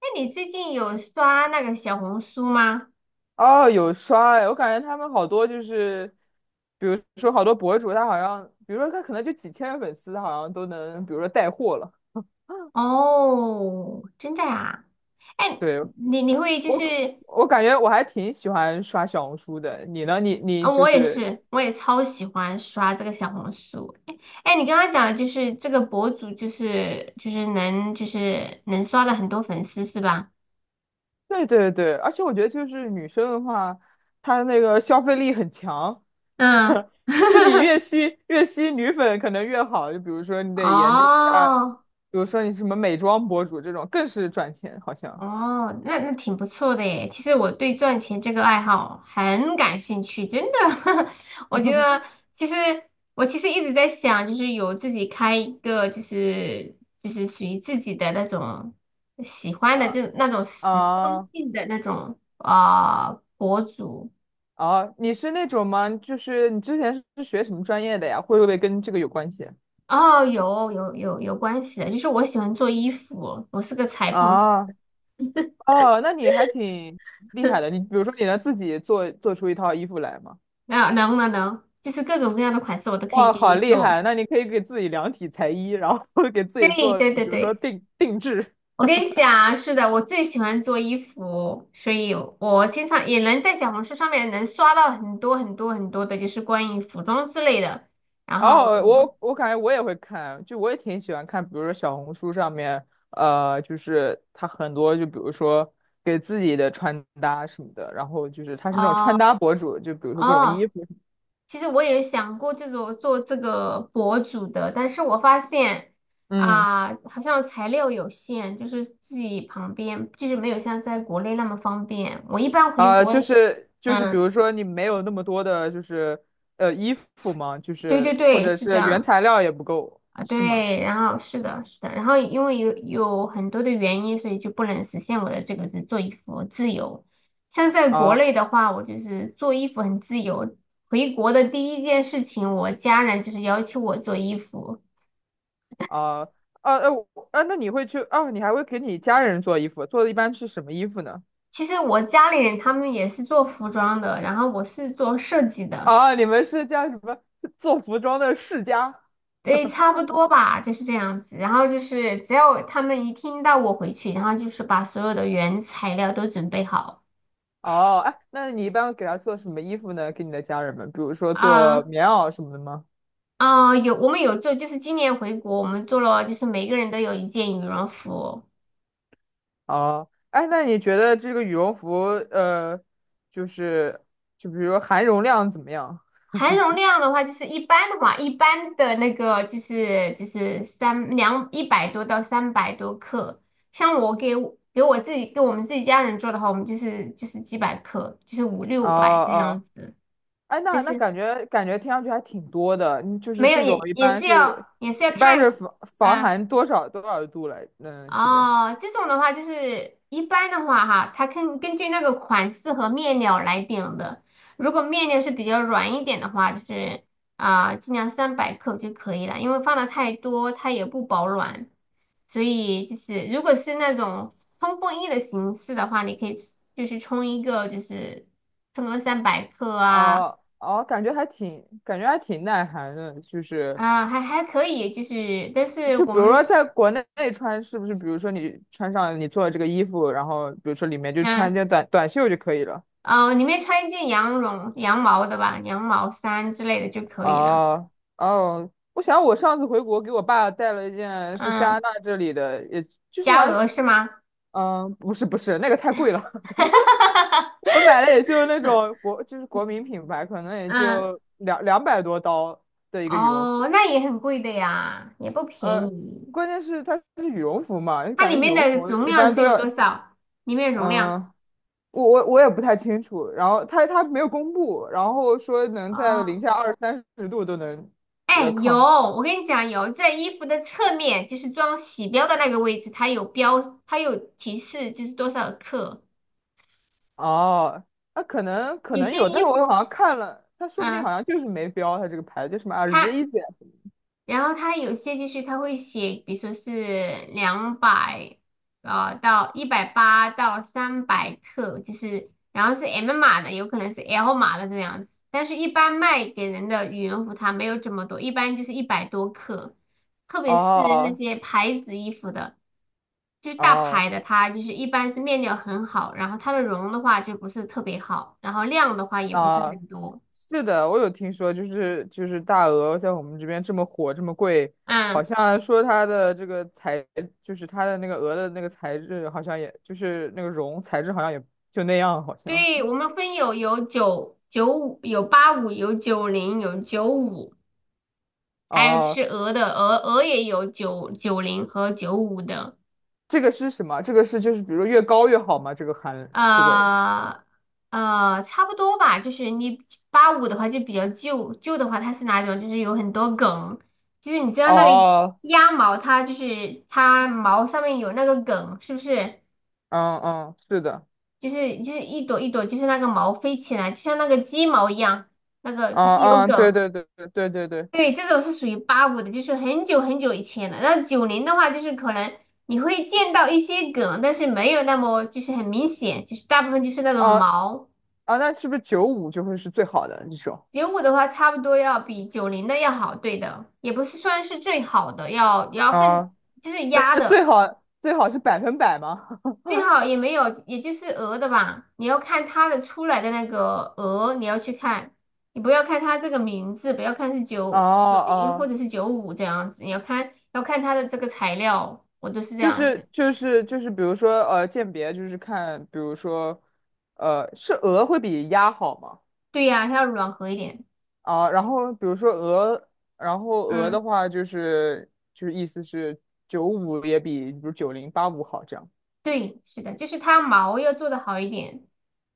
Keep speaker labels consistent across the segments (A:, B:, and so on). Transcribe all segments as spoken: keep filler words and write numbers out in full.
A: 那你最近有刷那个小红书吗？
B: 哦，有刷哎，我感觉他们好多就是，比如说好多博主，他好像，比如说他可能就几千个粉丝，他好像都能，比如说带货了。
A: 哦，真的呀？哎，
B: 对，
A: 你你会就
B: 我，
A: 是。
B: 我感觉我还挺喜欢刷小红书的。你呢？你你
A: 嗯，
B: 就
A: 我也
B: 是，
A: 是，我也超喜欢刷这个小红书。哎，哎，你刚刚讲的就是这个博主，就是就是能就是能刷到很多粉丝是吧？
B: 对对对，而且我觉得就是女生的话，她那个消费力很强。
A: 嗯，
B: 就你越吸越吸女粉可能越好。就比如说 你得研究一下，
A: 哦，
B: 比如说你什么美妆博主这种，更是赚钱，好像
A: 哦，那那挺不错的耶。其实我对赚钱这个爱好很感兴趣，真的。我觉得其实我其实一直在想，就是有自己开一个，就是就是属于自己的那种喜 欢的
B: 啊
A: 这那种时装
B: 啊。
A: 性的那种啊、呃博主。
B: 哦，你是那种吗？就是你之前是学什么专业的呀？会不会跟这个有关系？
A: 哦，有有有有关系的，就是我喜欢做衣服，我是个裁缝师。
B: 啊，哦，那你还挺厉害的。你 比如说，你能自己做做出一套衣服来吗？
A: 那能能能，就是各种各样的款式我都可以
B: 哇，
A: 给你
B: 好厉
A: 做。
B: 害！那你可以给自己量体裁衣，然后 给自
A: 对
B: 己做，
A: 对
B: 比
A: 对
B: 如说
A: 对。
B: 定定制。
A: 我跟你讲啊，是的，我最喜欢做衣服，所以我经常也能在小红书上面能刷到很多很多很多的，就是关于服装之类的。然后。
B: 哦，我我感觉我也会看，就我也挺喜欢看，比如说小红书上面，呃，就是他很多，就比如说给自己的穿搭什么的，然后就是他是那种穿
A: 哦
B: 搭博主，就比如说各种
A: 哦，
B: 衣服，
A: 其实我也想过这种做这个博主的，但是我发现
B: 嗯。
A: 啊，好像材料有限，就是自己旁边就是没有像在国内那么方便。我一般回
B: 啊、就
A: 国。
B: 是就是，比
A: 嗯，
B: 如说你没有那么多的，就是呃衣服吗？就
A: 对对
B: 是或
A: 对，
B: 者
A: 是
B: 是原
A: 的。
B: 材料也不够，
A: 啊，
B: 是吗？
A: 对，然后是的，是的，然后因为有有很多的原因，所以就不能实现我的这个是做衣服自由。像在国
B: 啊
A: 内的话，我就是做衣服很自由。回国的第一件事情，我家人就是要求我做衣服。
B: 啊啊呃我啊，那你会去啊？你还会给你家人做衣服，做的一般是什么衣服呢？
A: 其实我家里人他们也是做服装的，然后我是做设计的。
B: 啊，你们是叫什么做服装的世家？
A: 对，差不多吧，就是这样子。然后就是只要他们一听到我回去，然后就是把所有的原材料都准备好。
B: 哦，哎，那你一般给他做什么衣服呢？给你的家人们，比如说做
A: 啊，
B: 棉袄什么的吗？
A: 啊、有我们有做，就是今年回国，我们做了，就是每个人都有一件羽绒服。
B: 哦，哎，那你觉得这个羽绒服，呃，就是就比如说含绒量怎么样？
A: 含绒量的话，就是一般的话，一般的那个就是就是三两一百多到三百多克，像我给我给我自己给我们自己家人做的话，我们就是就是几百克，就是五
B: 哦
A: 六百这
B: 哦，
A: 样子，
B: 哎，那
A: 但
B: 那
A: 是
B: 感觉感觉听上去还挺多的，嗯就是
A: 没有
B: 这种
A: 也
B: 一
A: 也
B: 般
A: 是
B: 是
A: 要也是要
B: 一般
A: 看。
B: 是防防
A: 嗯。
B: 寒多少多少度来，嗯，基本上。
A: 哦，这种的话就是一般的话哈，它根根据那个款式和面料来定的。如果面料是比较软一点的话，就是啊、尽量三百克就可以了，因为放的太多它也不保暖。所以就是如果是那种冲锋衣的形式的话，你可以就是冲一个就是冲个三百克啊。
B: 哦哦，感觉还挺感觉还挺耐寒的，就是
A: 啊、还还可以，就是但是
B: 就
A: 我
B: 比如说
A: 们。
B: 在国内穿，是不是？比如说你穿上你做的这个衣服，然后比如说里面就穿
A: 嗯，
B: 一件短短袖就可以了。
A: 哦，里面穿一件羊绒、羊毛的吧，羊毛衫之类的就可以了。
B: 哦哦，我想我上次回国给我爸带了一件是加
A: 嗯，
B: 拿大这里的，也就是
A: 加
B: 还
A: 鹅是吗？
B: 嗯、呃不是不是那个太贵了。我买的 也就那种国，就是国民品牌，可能也
A: 嗯，
B: 就两两百多刀的一个羽绒服。
A: 哦，那也很贵的呀，也不便
B: 呃，
A: 宜。
B: 关键是它是羽绒服嘛，
A: 它
B: 感
A: 里
B: 觉羽
A: 面
B: 绒
A: 的
B: 服
A: 容
B: 一
A: 量
B: 般
A: 是
B: 都
A: 有多
B: 要，
A: 少？里面容量？
B: 嗯、我我我也不太清楚。然后它它没有公布，然后说能在零
A: 哦，
B: 下二三十度都能
A: 哎，
B: 呃
A: 有，
B: 抗。
A: 我跟你讲，有在衣服的侧面，就是装洗标的那个位置，它有标，它有提示，就是多少克。
B: 哦，那、可能可
A: 有
B: 能
A: 些
B: 有，但
A: 衣
B: 是我好
A: 服，
B: 像看了，它说不定好
A: 嗯，
B: 像就是没标，它这个牌子叫什么 a r
A: 它。
B: i z n
A: 然后它有些就是它会写，比如说是两百呃，到一百八到三百克，就是然后是 M 码的，有可能是 L 码的这样子。但是，一般卖给人的羽绒服它没有这么多，一般就是一百多克，特别是那
B: 哦
A: 些牌子衣服的，就是大
B: 哦
A: 牌的，它就是一般是面料很好，然后它的绒的话就不是特别好，然后量的话也
B: 哦。
A: 不是
B: 啊
A: 很多。
B: 是的，我有听说，就是就是大鹅在我们这边这么火，这么贵，好
A: 嗯。
B: 像说它的这个材，就是它的那个鹅的那个材质，好像也就是那个绒材质，好像也就那样，好像。
A: 对，我们分有有九九五，有八五，有九零，有九五，还有就
B: 哦，
A: 是鹅的鹅鹅也有九九零和九五的。
B: 这个是什么？这个是就是比如说越高越好吗？这个含这个
A: 呃呃，差不多吧。就是你八五的话就比较旧，旧的话它是哪种？就是有很多梗，就是你知道那个
B: 哦，
A: 鸭毛，它就是它毛上面有那个梗，是不是？
B: 嗯嗯，是的，
A: 就是就是一朵一朵，就是那个毛飞起来，就像那个鸡毛一样，那个
B: 啊
A: 就是有
B: 啊，对
A: 梗。
B: 对对对对对对，
A: 对，这种是属于八五的，就是很久很久以前了。那九零的话，就是可能你会见到一些梗，但是没有那么就是很明显，就是大部分就是那种
B: 啊
A: 毛。
B: 啊，那是不是九五就会是最好的一种？
A: 九五的话，差不多要比九零的要好，对的，也不是算是最好的，要也要分
B: 啊，
A: 就是
B: 那
A: 压
B: 那最
A: 的。
B: 好最好是百分百吗？
A: 最好也没有，也就是鹅的吧。你要看它的出来的那个鹅，你要去看，你不要看它这个名字，不要看是
B: 哦
A: 九九零或
B: 哦
A: 者是九五这样子，你要看要看它的这个材料，我都是这
B: 就
A: 样子。
B: 是就是就是，比如说呃，鉴别就是看，比如说呃，是鹅会比鸭好吗？
A: 对呀，它要软和一点。
B: 啊，然后比如说鹅，然后鹅的
A: 嗯，
B: 话就是就是意思是九五也比比如九零八五好这样。
A: 对，是的，就是它毛要做的好一点。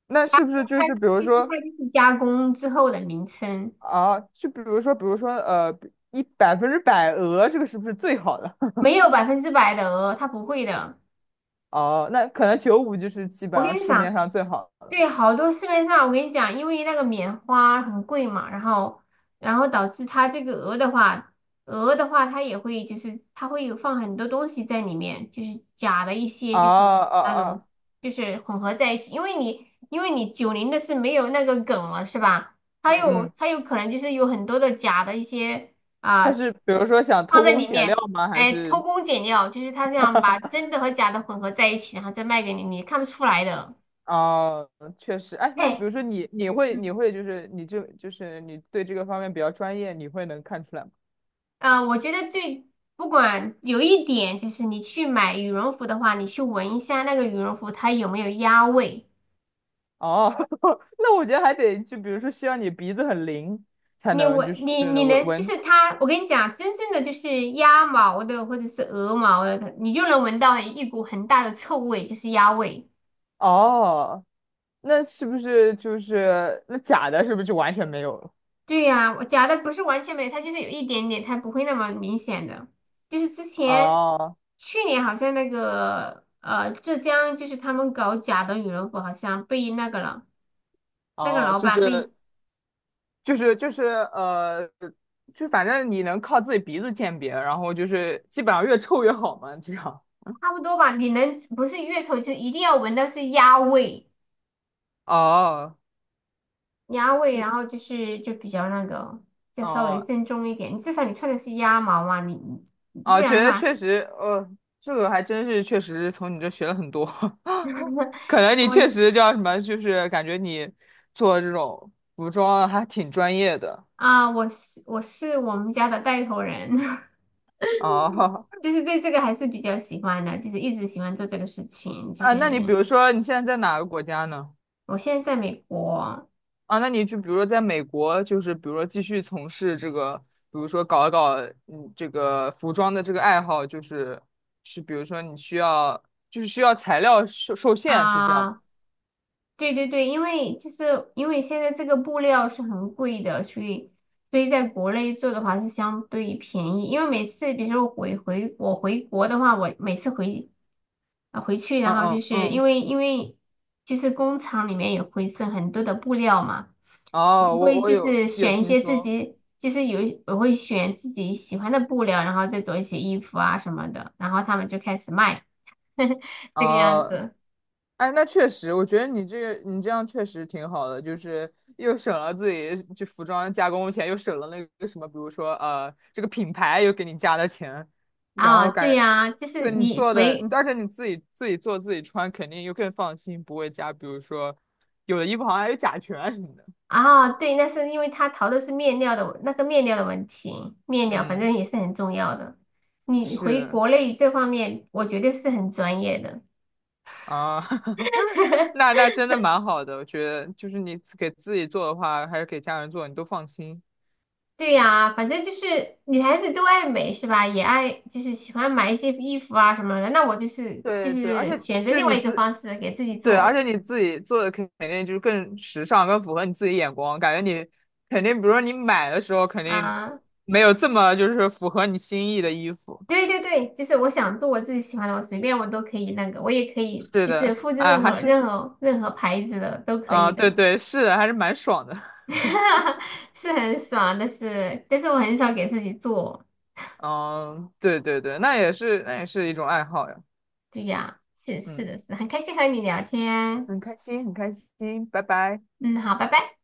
B: 那是不是就
A: 它
B: 是比如
A: 其实
B: 说
A: 它就是加工之后的名称，
B: 啊，就比如说比如说呃，一百分之百鹅这个是不是最好的？
A: 没有百分之百的鹅，它不会的。
B: 哦，那可能九五就是基本
A: 我跟
B: 上
A: 你
B: 市
A: 讲，
B: 面上最好的。
A: 对，好多市面上我跟你讲，因为那个棉花很贵嘛，然后然后导致它这个鹅的话，鹅的话它也会就是它会有放很多东西在里面，就是假的一
B: 啊
A: 些就是
B: 啊
A: 那种
B: 啊！
A: 就是混合在一起，因为你因为你九零的是没有那个梗了是吧？
B: 嗯
A: 它有
B: 嗯，
A: 它有可能就是有很多的假的一些
B: 他
A: 啊、
B: 是比如说想
A: 放
B: 偷
A: 在
B: 工
A: 里
B: 减料
A: 面。
B: 吗？还
A: 哎，偷
B: 是
A: 工减料，就是它这样把真的和假的混合在一起，然后再卖给你，你看不出来的。
B: 哦，确实，哎，那比
A: 哎。
B: 如说你，你会，你会，就是你这，就是你对这个方面比较专业，你会能看出来吗？
A: 啊、呃我觉得最不管有一点就是，你去买羽绒服的话，你去闻一下那个羽绒服它有没有鸭味。
B: 哦，那我觉得还得就比如说需要你鼻子很灵才
A: 你
B: 能就
A: 闻
B: 是
A: 你你
B: 能闻
A: 能就
B: 闻。
A: 是它，我跟你讲，真正的就是鸭毛的或者是鹅毛的，它你就能闻到一股很大的臭味，就是鸭味。
B: 哦，那是不是就是那假的，是不是就完全没有了？
A: 对呀，我假的不是完全没有，它就是有一点点，它不会那么明显的。就是之前
B: 哦
A: 去年好像那个呃浙江，就是他们搞假的羽绒服，好像被那个了。那个
B: 哦，
A: 老
B: 就
A: 板
B: 是
A: 被
B: 就是就是呃，就反正你能靠自己鼻子鉴别，然后就是基本上越臭越好嘛，这样。
A: 差不多吧。你能不是越臭，就是一定要闻到是鸭味，
B: 哦。
A: 鸭味，
B: 嗯，
A: 然后就是就比较那个，就稍微
B: 哦，
A: 正宗一点。至少你穿的是鸭毛嘛，你你不
B: 啊，
A: 然
B: 觉
A: 的
B: 得
A: 话。
B: 确实，呃，这个还真是确实从你这学了很多。可能你确
A: 我
B: 实叫什么，就是感觉你做这种服装还挺专业的
A: 啊，我是我是我们家的带头人，
B: 哦。
A: 就是对这个还是比较喜欢的，就是一直喜欢做这个事情。就
B: 啊，那你比
A: 是
B: 如说你现在在哪个国家呢？
A: 我现在在美国。
B: 啊，那你就比如说在美国，就是比如说继续从事这个，比如说搞一搞嗯这个服装的这个爱好，就是是比如说你需要就是需要材料受受限，是这样吗？
A: 啊。对对对，因为就是因为现在这个布料是很贵的，所以所以在国内做的话是相对便宜。因为每次，比如说我回回我回国的话，我每次回啊回去，
B: 嗯
A: 然后就
B: 嗯
A: 是因
B: 嗯，
A: 为因为就是工厂里面也会剩很多的布料嘛，
B: 哦，
A: 我
B: 我
A: 会
B: 我
A: 就
B: 有
A: 是
B: 有
A: 选一
B: 听
A: 些自
B: 说。
A: 己就是有我会选自己喜欢的布料，然后再做一些衣服啊什么的，然后他们就开始卖，这个样
B: 哦，
A: 子。
B: 哎，那确实，我觉得你这个你这样确实挺好的，就是又省了自己就服装加工钱，又省了那个什么，比如说呃，这个品牌又给你加的钱，然
A: 啊，
B: 后
A: 对
B: 感，
A: 呀，就
B: 对
A: 是
B: 你
A: 你
B: 做的，你
A: 回。
B: 而且你自己自己做自己穿，肯定又更放心，不会加，比如说有的衣服好像还有甲醛啊什么的。
A: 啊，对，那是因为他淘的是面料的那个面料的问题，面料反
B: 嗯，
A: 正也是很重要的。你
B: 是
A: 回
B: 的
A: 国内这方面，我觉得是很专业的。
B: 啊，那那真的蛮好的，我觉得就是你给自己做的话，还是给家人做，你都放心。
A: 对呀，反正就是女孩子都爱美是吧？也爱就是喜欢买一些衣服啊什么的。那我就是就
B: 对对，而
A: 是
B: 且
A: 选择
B: 就是
A: 另
B: 你
A: 外一种方
B: 自，
A: 式给自己
B: 对，而
A: 做。
B: 且你自己做的肯肯定就是更时尚，更符合你自己眼光，感觉你肯定，比如说你买的时候肯定
A: 啊，
B: 没有这么就是符合你心意的衣服。
A: 对对对，就是我想做我自己喜欢的，我随便我都可以那个，我也可以
B: 对
A: 就
B: 的，
A: 是复制
B: 啊，
A: 任
B: 还
A: 何
B: 是，
A: 任何任何牌子的都可以
B: 啊，对
A: 的。
B: 对，是的，还是蛮爽的。
A: 是很爽，但是但是我很少给自己做。
B: 嗯，对对对，那也是，那也是一种爱好呀。
A: 对呀，是是
B: 嗯，
A: 的是，很开心和你聊天。
B: 很开心，很开心，拜拜。
A: 嗯，好，拜拜。